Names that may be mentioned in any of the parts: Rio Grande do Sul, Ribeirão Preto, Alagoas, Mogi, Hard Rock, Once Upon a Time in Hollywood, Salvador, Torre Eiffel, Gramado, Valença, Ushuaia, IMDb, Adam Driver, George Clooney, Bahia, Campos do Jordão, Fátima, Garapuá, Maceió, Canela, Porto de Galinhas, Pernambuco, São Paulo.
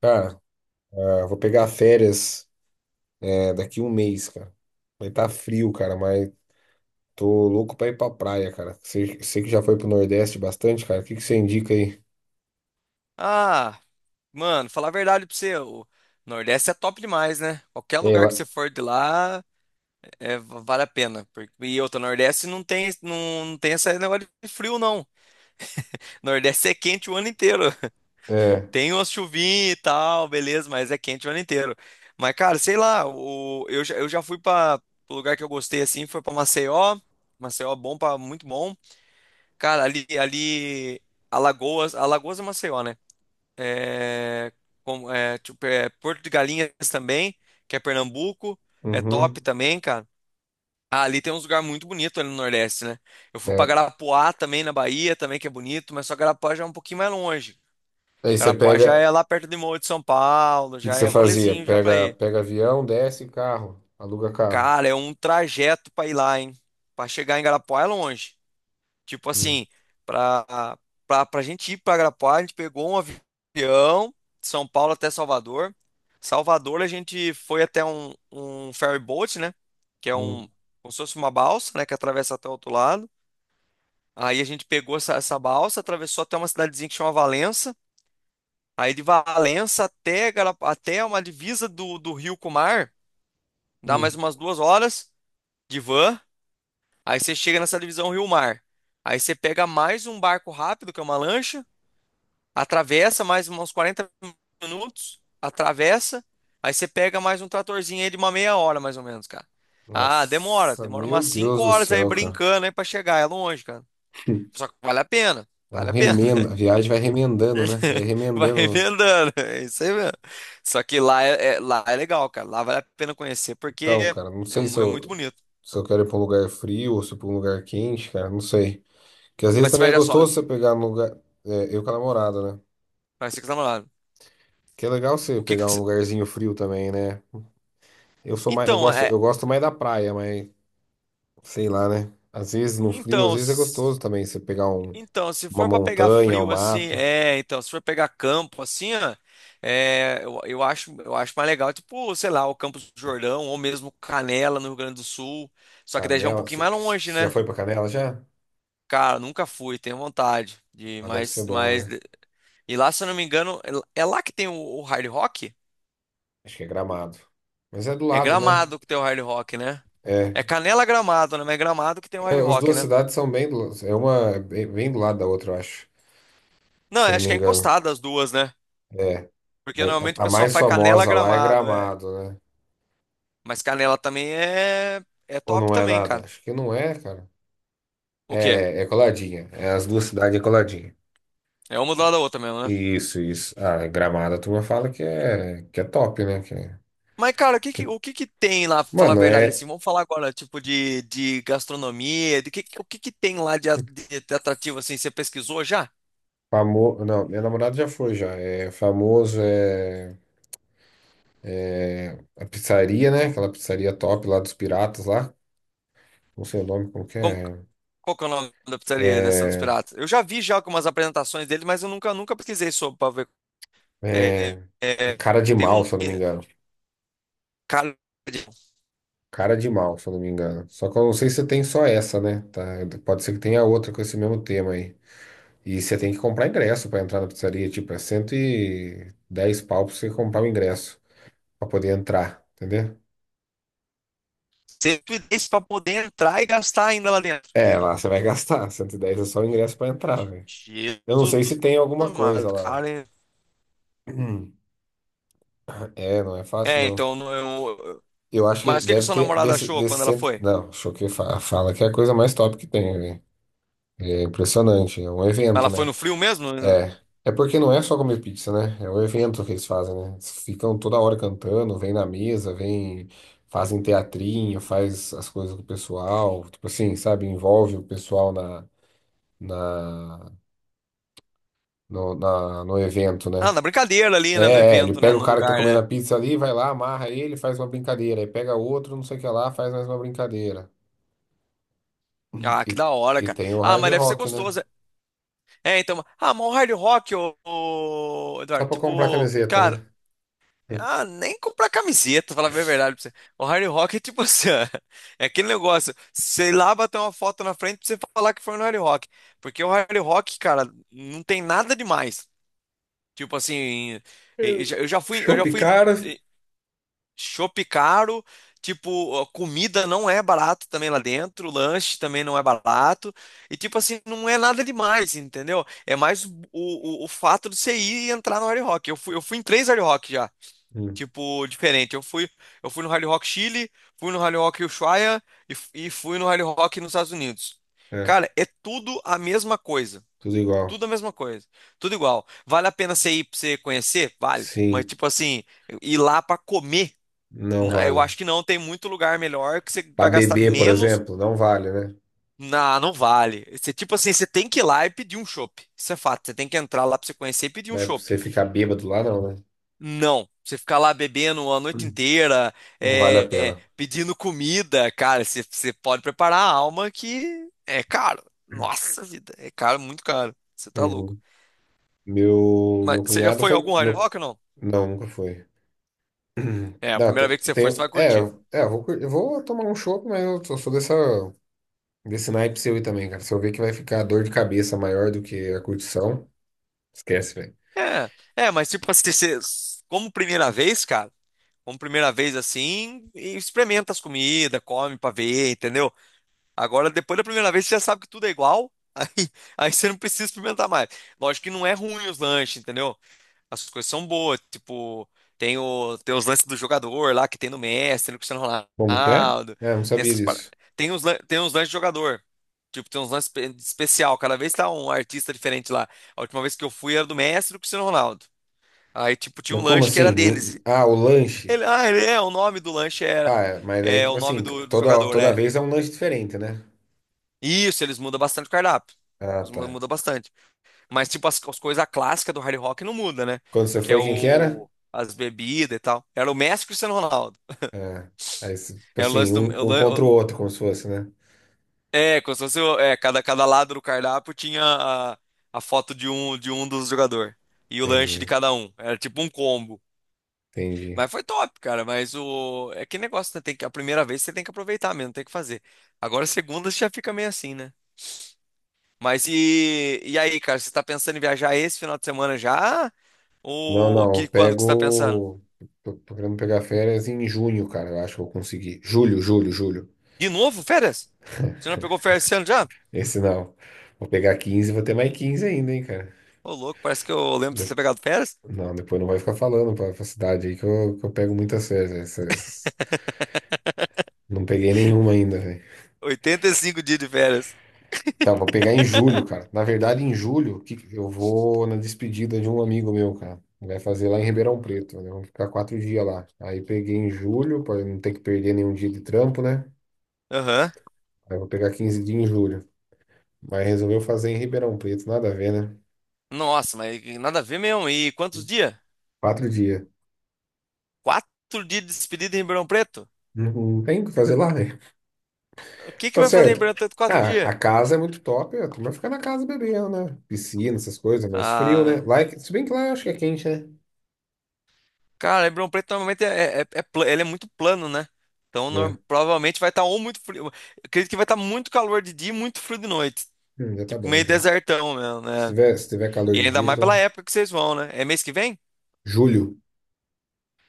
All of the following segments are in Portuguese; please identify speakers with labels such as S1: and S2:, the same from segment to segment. S1: Cara, ah, vou pegar férias, é, daqui um mês, cara. Vai estar frio, cara, mas tô louco pra ir pra praia, cara. Você que já foi pro Nordeste bastante, cara, o que que você indica aí?
S2: Ah, mano, falar a verdade pra você, o Nordeste é top demais, né? Qualquer
S1: É,
S2: lugar
S1: lá,
S2: que você for de lá, é, vale a pena. E outra, Nordeste não tem, não, não tem esse negócio de frio, não. Nordeste é quente o ano inteiro.
S1: é,
S2: Tem umas chuvinhas e tal, beleza, mas é quente o ano inteiro. Mas, cara, sei lá, eu já fui pra o lugar que eu gostei, assim, foi pra Maceió. Maceió é bom, muito bom. Cara, ali, Alagoas, Alagoas é Maceió, né? é, tipo, Porto de Galinhas também, que é Pernambuco, é top
S1: uhum,
S2: também, cara. Ah, ali tem uns lugares muito bonitos ali no Nordeste, né? Eu fui pra
S1: é.
S2: Garapuá também, na Bahia, também que é bonito, mas só Garapuá já é um pouquinho mais longe. Garapuá já
S1: O
S2: é lá perto de Mogi de São Paulo,
S1: que que
S2: já é
S1: você fazia?
S2: rolezinho já pra
S1: Pega,
S2: ir.
S1: pega avião, desce carro, aluga carro.
S2: Cara, é um trajeto pra ir lá, hein? Pra chegar em Garapuá é longe. Tipo
S1: Hum,
S2: assim, pra, pra gente ir pra Arapuá, a gente pegou um avião, de São Paulo até Salvador. Salvador, a gente foi até um ferry boat, né? Que é
S1: hum,
S2: como se fosse uma balsa, né? Que atravessa até o outro lado. Aí a gente pegou essa balsa, atravessou até uma cidadezinha que chama Valença. Aí de Valença até, até uma divisa do rio com o mar, dá mais
S1: hum.
S2: umas 2 horas de van. Aí você chega nessa divisão rio-mar. Aí você pega mais um barco rápido, que é uma lancha. Atravessa mais uns 40 minutos, atravessa, aí você pega mais um tratorzinho aí de uma meia hora, mais ou menos, cara. Ah, demora,
S1: Nossa,
S2: demora
S1: meu
S2: umas 5
S1: Deus do
S2: horas aí
S1: céu, cara.
S2: brincando aí pra chegar, é longe, cara. Só que vale a pena,
S1: É um
S2: vale a pena.
S1: remendo, a viagem vai remendando, né? Você vai
S2: Vai
S1: remendando.
S2: emendando, é isso aí mesmo. Só que lá lá é legal, cara, lá vale a pena conhecer,
S1: Então,
S2: porque
S1: cara, não sei se
S2: é muito
S1: eu,
S2: bonito.
S1: Se eu quero ir pra um lugar frio ou se pra um lugar quente, cara, não sei. Porque às vezes
S2: Mas você
S1: também
S2: vai
S1: é
S2: já só,
S1: gostoso você pegar no lugar. É, eu com a namorada, né?
S2: vai ser que tá namorado.
S1: Que é legal você
S2: O que que
S1: pegar um
S2: você...
S1: lugarzinho frio também, né? Eu sou mais, eu
S2: Então,
S1: gosto,
S2: é,
S1: eu gosto mais da praia, mas sei lá, né? Às vezes no frio, às
S2: então.
S1: vezes é gostoso também você pegar
S2: Então, se
S1: uma
S2: for para pegar
S1: montanha, um
S2: frio assim,
S1: mato,
S2: é, então, se for pegar campo assim, ó, é, eu acho mais legal, tipo, sei lá, o Campos do Jordão ou mesmo Canela no Rio Grande do Sul, só que daí já é um
S1: Canela.
S2: pouquinho
S1: Você
S2: mais longe,
S1: você já
S2: né?
S1: foi pra Canela já?
S2: Cara, nunca fui, tenho vontade de,
S1: Ah, deve ser
S2: mas,
S1: bom,
S2: mas
S1: né?
S2: e lá, se eu não me engano, é lá que tem o Hard Rock?
S1: Acho que é Gramado. Mas é do
S2: É
S1: lado, né?
S2: Gramado que tem o Hard Rock, né?
S1: É.
S2: É Canela Gramado, né? Mas é Gramado que tem o
S1: É,
S2: Hard
S1: as
S2: Rock,
S1: duas
S2: né?
S1: cidades são bem do, é uma é bem bem do lado da outra, eu acho.
S2: Não,
S1: Se eu não
S2: acho
S1: me
S2: que é
S1: engano.
S2: encostado as duas, né?
S1: É.
S2: Porque
S1: Mas
S2: normalmente o
S1: a
S2: pessoal
S1: mais
S2: faz Canela
S1: famosa lá é
S2: Gramado, é.
S1: Gramado, né?
S2: Mas Canela também é, é
S1: Ou
S2: top
S1: não é
S2: também,
S1: nada?
S2: cara.
S1: Acho que não é, cara.
S2: O quê?
S1: É, é coladinha. É as duas cidades é coladinha.
S2: É uma do lado da outra mesmo, né?
S1: Isso, isso. Ah, Gramado, a turma fala que é top, né?
S2: Mas, cara, o que que,
S1: Que,
S2: o que que tem lá, pra falar a
S1: mano,
S2: verdade,
S1: é
S2: assim? Vamos falar agora, tipo, de gastronomia, o que que tem lá de atrativo, assim? Você pesquisou já?
S1: famoso. Não, minha namorada já foi já. É famoso, é a pizzaria, né? Aquela pizzaria top lá dos piratas lá. Não sei o nome, como que
S2: Como,
S1: é.
S2: qual que é o nome da pizzaria dessa dos
S1: É,
S2: piratas? Eu já vi já algumas apresentações dele, mas eu nunca, nunca pesquisei sobre pra ver é,
S1: é,
S2: é,
S1: é
S2: é,
S1: cara de
S2: tem
S1: mal,
S2: um
S1: se eu não me engano.
S2: cara de
S1: Cara de mal, se eu não me engano. Só que eu não sei se tem só essa, né? Tá? Pode ser que tenha outra com esse mesmo tema aí. E você tem que comprar ingresso pra entrar na pizzaria. Tipo, é 110 pau pra você comprar o ingresso pra poder entrar, entendeu?
S2: 110 para poder entrar e gastar ainda lá dentro.
S1: É, lá você vai gastar. 110 é só o ingresso pra entrar, velho. Eu não sei se
S2: Jesus
S1: tem alguma coisa
S2: amado,
S1: lá.
S2: cara.
S1: Hum. É, não é fácil, não.
S2: Eu...
S1: Eu acho que
S2: Mas o que que
S1: deve
S2: sua
S1: ter
S2: namorada
S1: desse,
S2: achou
S1: desse
S2: quando ela
S1: cento.
S2: foi?
S1: Não, Choquei fala que é a coisa mais top que tem, velho. É impressionante. É um evento,
S2: Ela foi
S1: né?
S2: no frio mesmo? No...
S1: É. É porque não é só comer pizza, né? É o evento que eles fazem, né? Eles ficam toda hora cantando, vem na mesa, vem, fazem teatrinho, faz as coisas com o pessoal, tipo assim, sabe? Envolve o pessoal na, no evento,
S2: Ah,
S1: né?
S2: na brincadeira ali, né, no
S1: Ele
S2: evento, né,
S1: pega o
S2: no
S1: cara que tá
S2: lugar,
S1: comendo
S2: né?
S1: a pizza ali, vai lá, amarra ele, faz uma brincadeira. Aí pega outro, não sei o que lá, faz mais uma brincadeira.
S2: Ah, que
S1: E,
S2: da hora,
S1: e
S2: cara.
S1: tem o
S2: Ah,
S1: Hard
S2: mas deve ser
S1: Rock, né?
S2: gostoso. É, então, ah, mas o Hard Rock, ô, ô,
S1: Só
S2: Eduardo,
S1: pra comprar
S2: tipo,
S1: camiseta,
S2: cara.
S1: né?
S2: Ah, nem comprar camiseta, falar bem a verdade pra você. O Hard Rock é tipo assim, ó, é aquele negócio, sei lá, bater uma foto na frente pra você falar que foi no Hard Rock. Porque o Hard Rock, cara, não tem nada demais. Tipo assim, eu
S1: Eu-
S2: já eu já fui, eu
S1: Chopp
S2: já fui em
S1: caro?
S2: shopping caro, tipo, a comida não é barato também lá dentro, o lanche também não é barato. E tipo assim, não é nada demais, entendeu? É mais o fato de você ir e entrar no Hard Rock. Eu fui em três Hard Rock
S1: Hum,
S2: tipo, diferente. Eu fui no Rally Rock Chile, fui no Rally Rock Ushuaia e fui no Rally Rock nos Estados Unidos.
S1: é,
S2: Cara, é tudo a mesma coisa.
S1: tudo igual.
S2: Tudo a mesma coisa. Tudo igual. Vale a pena você ir pra você conhecer? Vale. Mas,
S1: Sim,
S2: tipo assim, ir lá pra comer,
S1: não
S2: eu
S1: vale.
S2: acho que não. Tem muito lugar melhor que você
S1: Pra
S2: vai gastar
S1: beber, por
S2: menos.
S1: exemplo, não vale, né?
S2: Não, não vale. Você, tipo assim, você tem que ir lá e pedir um chopp. Isso é fato. Você tem que entrar lá pra você conhecer e pedir um
S1: Mas pra
S2: chopp.
S1: você ficar bêbado lá, não, né?
S2: Não. Você ficar lá bebendo a noite
S1: Hum.
S2: inteira,
S1: Não vale a pena.
S2: pedindo comida, cara, você pode preparar a alma que é caro. Nossa vida, é caro, muito caro. Você tá louco.
S1: Uhum. Meu,
S2: Mas
S1: meu
S2: você já
S1: cunhado
S2: foi em
S1: foi.
S2: algum Hard
S1: Meu, cu-
S2: Rock ou não?
S1: não, nunca foi.
S2: É, a
S1: Não,
S2: primeira vez que você for, você vai curtir.
S1: eu vou, eu vou tomar um chopp, mas eu sou dessa, desse naipe seu aí também, cara. Se eu ver que vai ficar dor de cabeça maior do que a curtição. Esquece, velho.
S2: É, é, mas tipo assim, você, como primeira vez, cara, como primeira vez assim, e experimenta as comidas, come pra ver, entendeu? Agora, depois da primeira vez, você já sabe que tudo é igual, aí você não precisa experimentar mais. Lógico que não é ruim os lanches, entendeu? As coisas são boas, tipo, tem os lances do jogador lá que tem no Messi, no Cristiano
S1: Como que é?
S2: Ronaldo,
S1: É, não
S2: tem
S1: sabia
S2: essas par.
S1: disso.
S2: Tem uns lances de jogador. Tipo, tem uns lances especial, cada vez tá um artista diferente lá. A última vez que eu fui era do Messi e do Cristiano Ronaldo. Aí, tipo, tinha
S1: Mas
S2: um
S1: como
S2: lanche que era
S1: assim?
S2: deles.
S1: Ah, o lanche.
S2: Ele, ah, ele é, O nome do lanche era
S1: Ah, é, mas aí,
S2: é
S1: tipo
S2: o nome
S1: assim,
S2: do
S1: toda,
S2: jogador,
S1: toda
S2: né?
S1: vez é um lanche diferente, né?
S2: Isso, eles mudam bastante o cardápio.
S1: Ah, tá.
S2: Mudam bastante. Mas, tipo, as coisas clássicas do Hard Rock não muda, né?
S1: Quando você
S2: Que é
S1: foi, quem que era?
S2: o... As bebidas e tal. Era o Messi e o Cristiano Ronaldo.
S1: Ah, aí, tipo
S2: É o
S1: assim,
S2: lance do.
S1: um, um contra o outro, como se fosse, né?
S2: É, como se fosse. É, cada lado do cardápio tinha a foto de um dos jogadores. E o lanche de
S1: Entendi,
S2: cada um. Era tipo um combo.
S1: entendi.
S2: Mas foi top, cara. Mas o. É que negócio, né? Tem que, a primeira vez você tem que aproveitar mesmo, tem que fazer. Agora, a segunda você já fica meio assim, né? Mas e. E aí, cara? Você tá pensando em viajar esse final de semana já?
S1: Não,
S2: Ou
S1: não, eu
S2: que, quando que você tá pensando?
S1: pego. Tô querendo pegar férias em junho, cara. Eu acho que eu consegui. Julho, julho, julho.
S2: De novo, férias? Você não pegou férias esse ano já?
S1: Esse não. Vou pegar 15 e vou ter mais 15 ainda, hein, cara.
S2: Ô, louco, parece que eu lembro de você ter
S1: De-
S2: pegado férias.
S1: Não, depois não vai ficar falando pra cidade aí que eu pego muitas férias, né? Não peguei nenhuma ainda, velho.
S2: 85 dias de férias.
S1: Tá, vou pegar em julho, cara. Na verdade, em julho, que eu vou na despedida de um amigo meu, cara. Vai fazer lá em Ribeirão Preto, né? Vamos ficar 4 dias lá. Aí peguei em julho, pra não ter que perder nenhum dia de trampo, né?
S2: Aham.
S1: Aí vou pegar 15 dias em julho. Mas resolveu fazer em Ribeirão Preto, nada a ver, né?
S2: Nossa, mas nada a ver mesmo. E quantos dias?
S1: 4 dias.
S2: 4 dias de despedida em Ribeirão Preto?
S1: Não tem o que fazer lá, né?
S2: O que que
S1: Tá
S2: vai fazer em Ribeirão
S1: certo.
S2: Preto quatro
S1: Ah,
S2: dias?
S1: a casa é muito top, a turma fica na casa bebendo, né? Piscina, essas coisas, mas frio,
S2: Ah,
S1: né? Lá, é se bem que lá eu acho que é quente, né?
S2: cara, Ribeirão Preto normalmente ele é muito plano, né? Então
S1: É.
S2: provavelmente vai estar ou muito frio. Eu acredito que vai estar muito calor de dia e muito frio de noite.
S1: Já tá
S2: Tipo,
S1: bom,
S2: meio
S1: já.
S2: desertão mesmo,
S1: Se
S2: né?
S1: tiver, se tiver calor
S2: E
S1: de
S2: ainda
S1: dia,
S2: mais pela
S1: então.
S2: época que vocês vão, né? É mês que vem?
S1: Julho.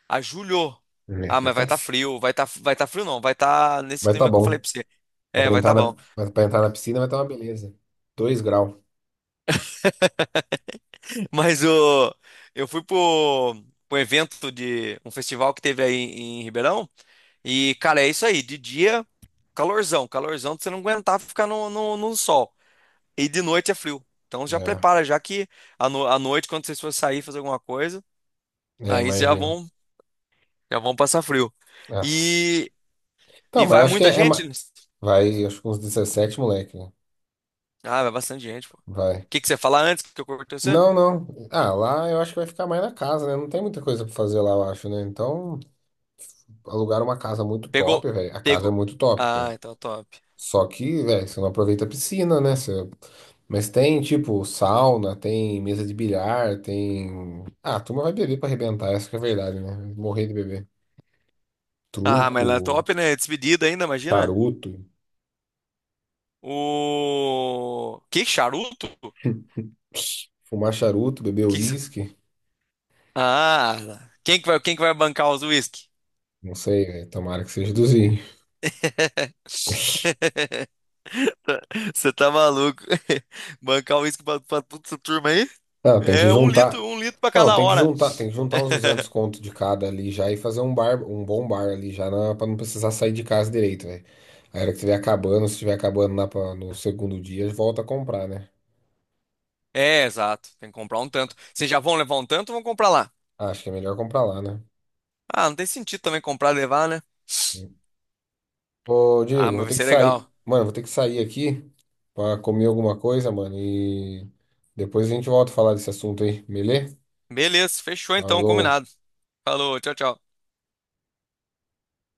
S2: A julho.
S1: Né?
S2: Ah,
S1: vai
S2: mas vai
S1: tá,
S2: estar frio. Vai tá frio, não. Vai estar nesse
S1: vai tá
S2: clima que eu falei
S1: bom.
S2: pra você. É,
S1: Pra
S2: vai
S1: entrar
S2: estar
S1: na,
S2: bom.
S1: pra entrar na piscina vai tá uma beleza. 2 graus.
S2: Mas o, eu fui pro evento de um festival que teve aí em Ribeirão. E, cara, é isso aí. De dia, calorzão. Calorzão de você não aguentar ficar no sol. E de noite é frio. Então já
S1: É,
S2: prepara, já que à no- à noite, quando vocês forem sair fazer alguma coisa,
S1: é,
S2: aí
S1: imagino.
S2: já vão passar frio.
S1: Nossa.
S2: E,
S1: Então,
S2: e
S1: mas
S2: vai
S1: eu acho que
S2: muita
S1: é, é
S2: gente?
S1: ma- Vai, acho que uns 17 moleque, né?
S2: Ah, vai bastante gente, pô. O
S1: Vai.
S2: que que você ia falar antes que eu cortei você?
S1: Não, não. Ah, lá eu acho que vai ficar mais na casa, né? Não tem muita coisa pra fazer lá, eu acho, né? Então, alugar uma casa muito
S2: Pegou,
S1: top, velho. A casa é
S2: pegou.
S1: muito top,
S2: Ah,
S1: né?
S2: então é top.
S1: Só que, velho, você não aproveita a piscina, né? Mas tem, tipo, sauna, tem mesa de bilhar, tem. Ah, a turma vai beber pra arrebentar, essa que é a verdade, né? Morrer de beber.
S2: Ah, mas
S1: Truco,
S2: lá é top, né? Despedida ainda, imagina.
S1: charuto,
S2: O que charuto?
S1: fumar charuto, beber
S2: Que... você...
S1: uísque.
S2: Ah, quem que vai bancar os whisky?
S1: Não sei, velho. Tomara que seja dos-
S2: Você tá maluco? Bancar o uísque pra, pra toda essa turma aí?
S1: Não, tem que
S2: É
S1: juntar.
S2: um litro pra
S1: Não,
S2: cada
S1: tem que
S2: hora.
S1: juntar, tem que juntar uns 200 conto de cada ali já e fazer um bar, um bom bar ali já, pra não precisar sair de casa direito, velho. A hora que estiver acabando, se estiver acabando no segundo dia, volta a comprar, né?
S2: É, exato. Tem que comprar um tanto. Vocês já vão levar um tanto ou vão comprar lá?
S1: Ah, acho que é melhor comprar lá, né?
S2: Ah, não tem sentido também comprar e levar, né?
S1: Sim. Ô,
S2: Ah,
S1: Diego, vou
S2: mas vai
S1: ter que
S2: ser
S1: sair.
S2: legal.
S1: Mano, vou ter que sair aqui pra comer alguma coisa, mano, e depois a gente volta a falar desse assunto aí, beleza?
S2: Beleza, fechou então,
S1: Falou.
S2: combinado. Falou, tchau, tchau.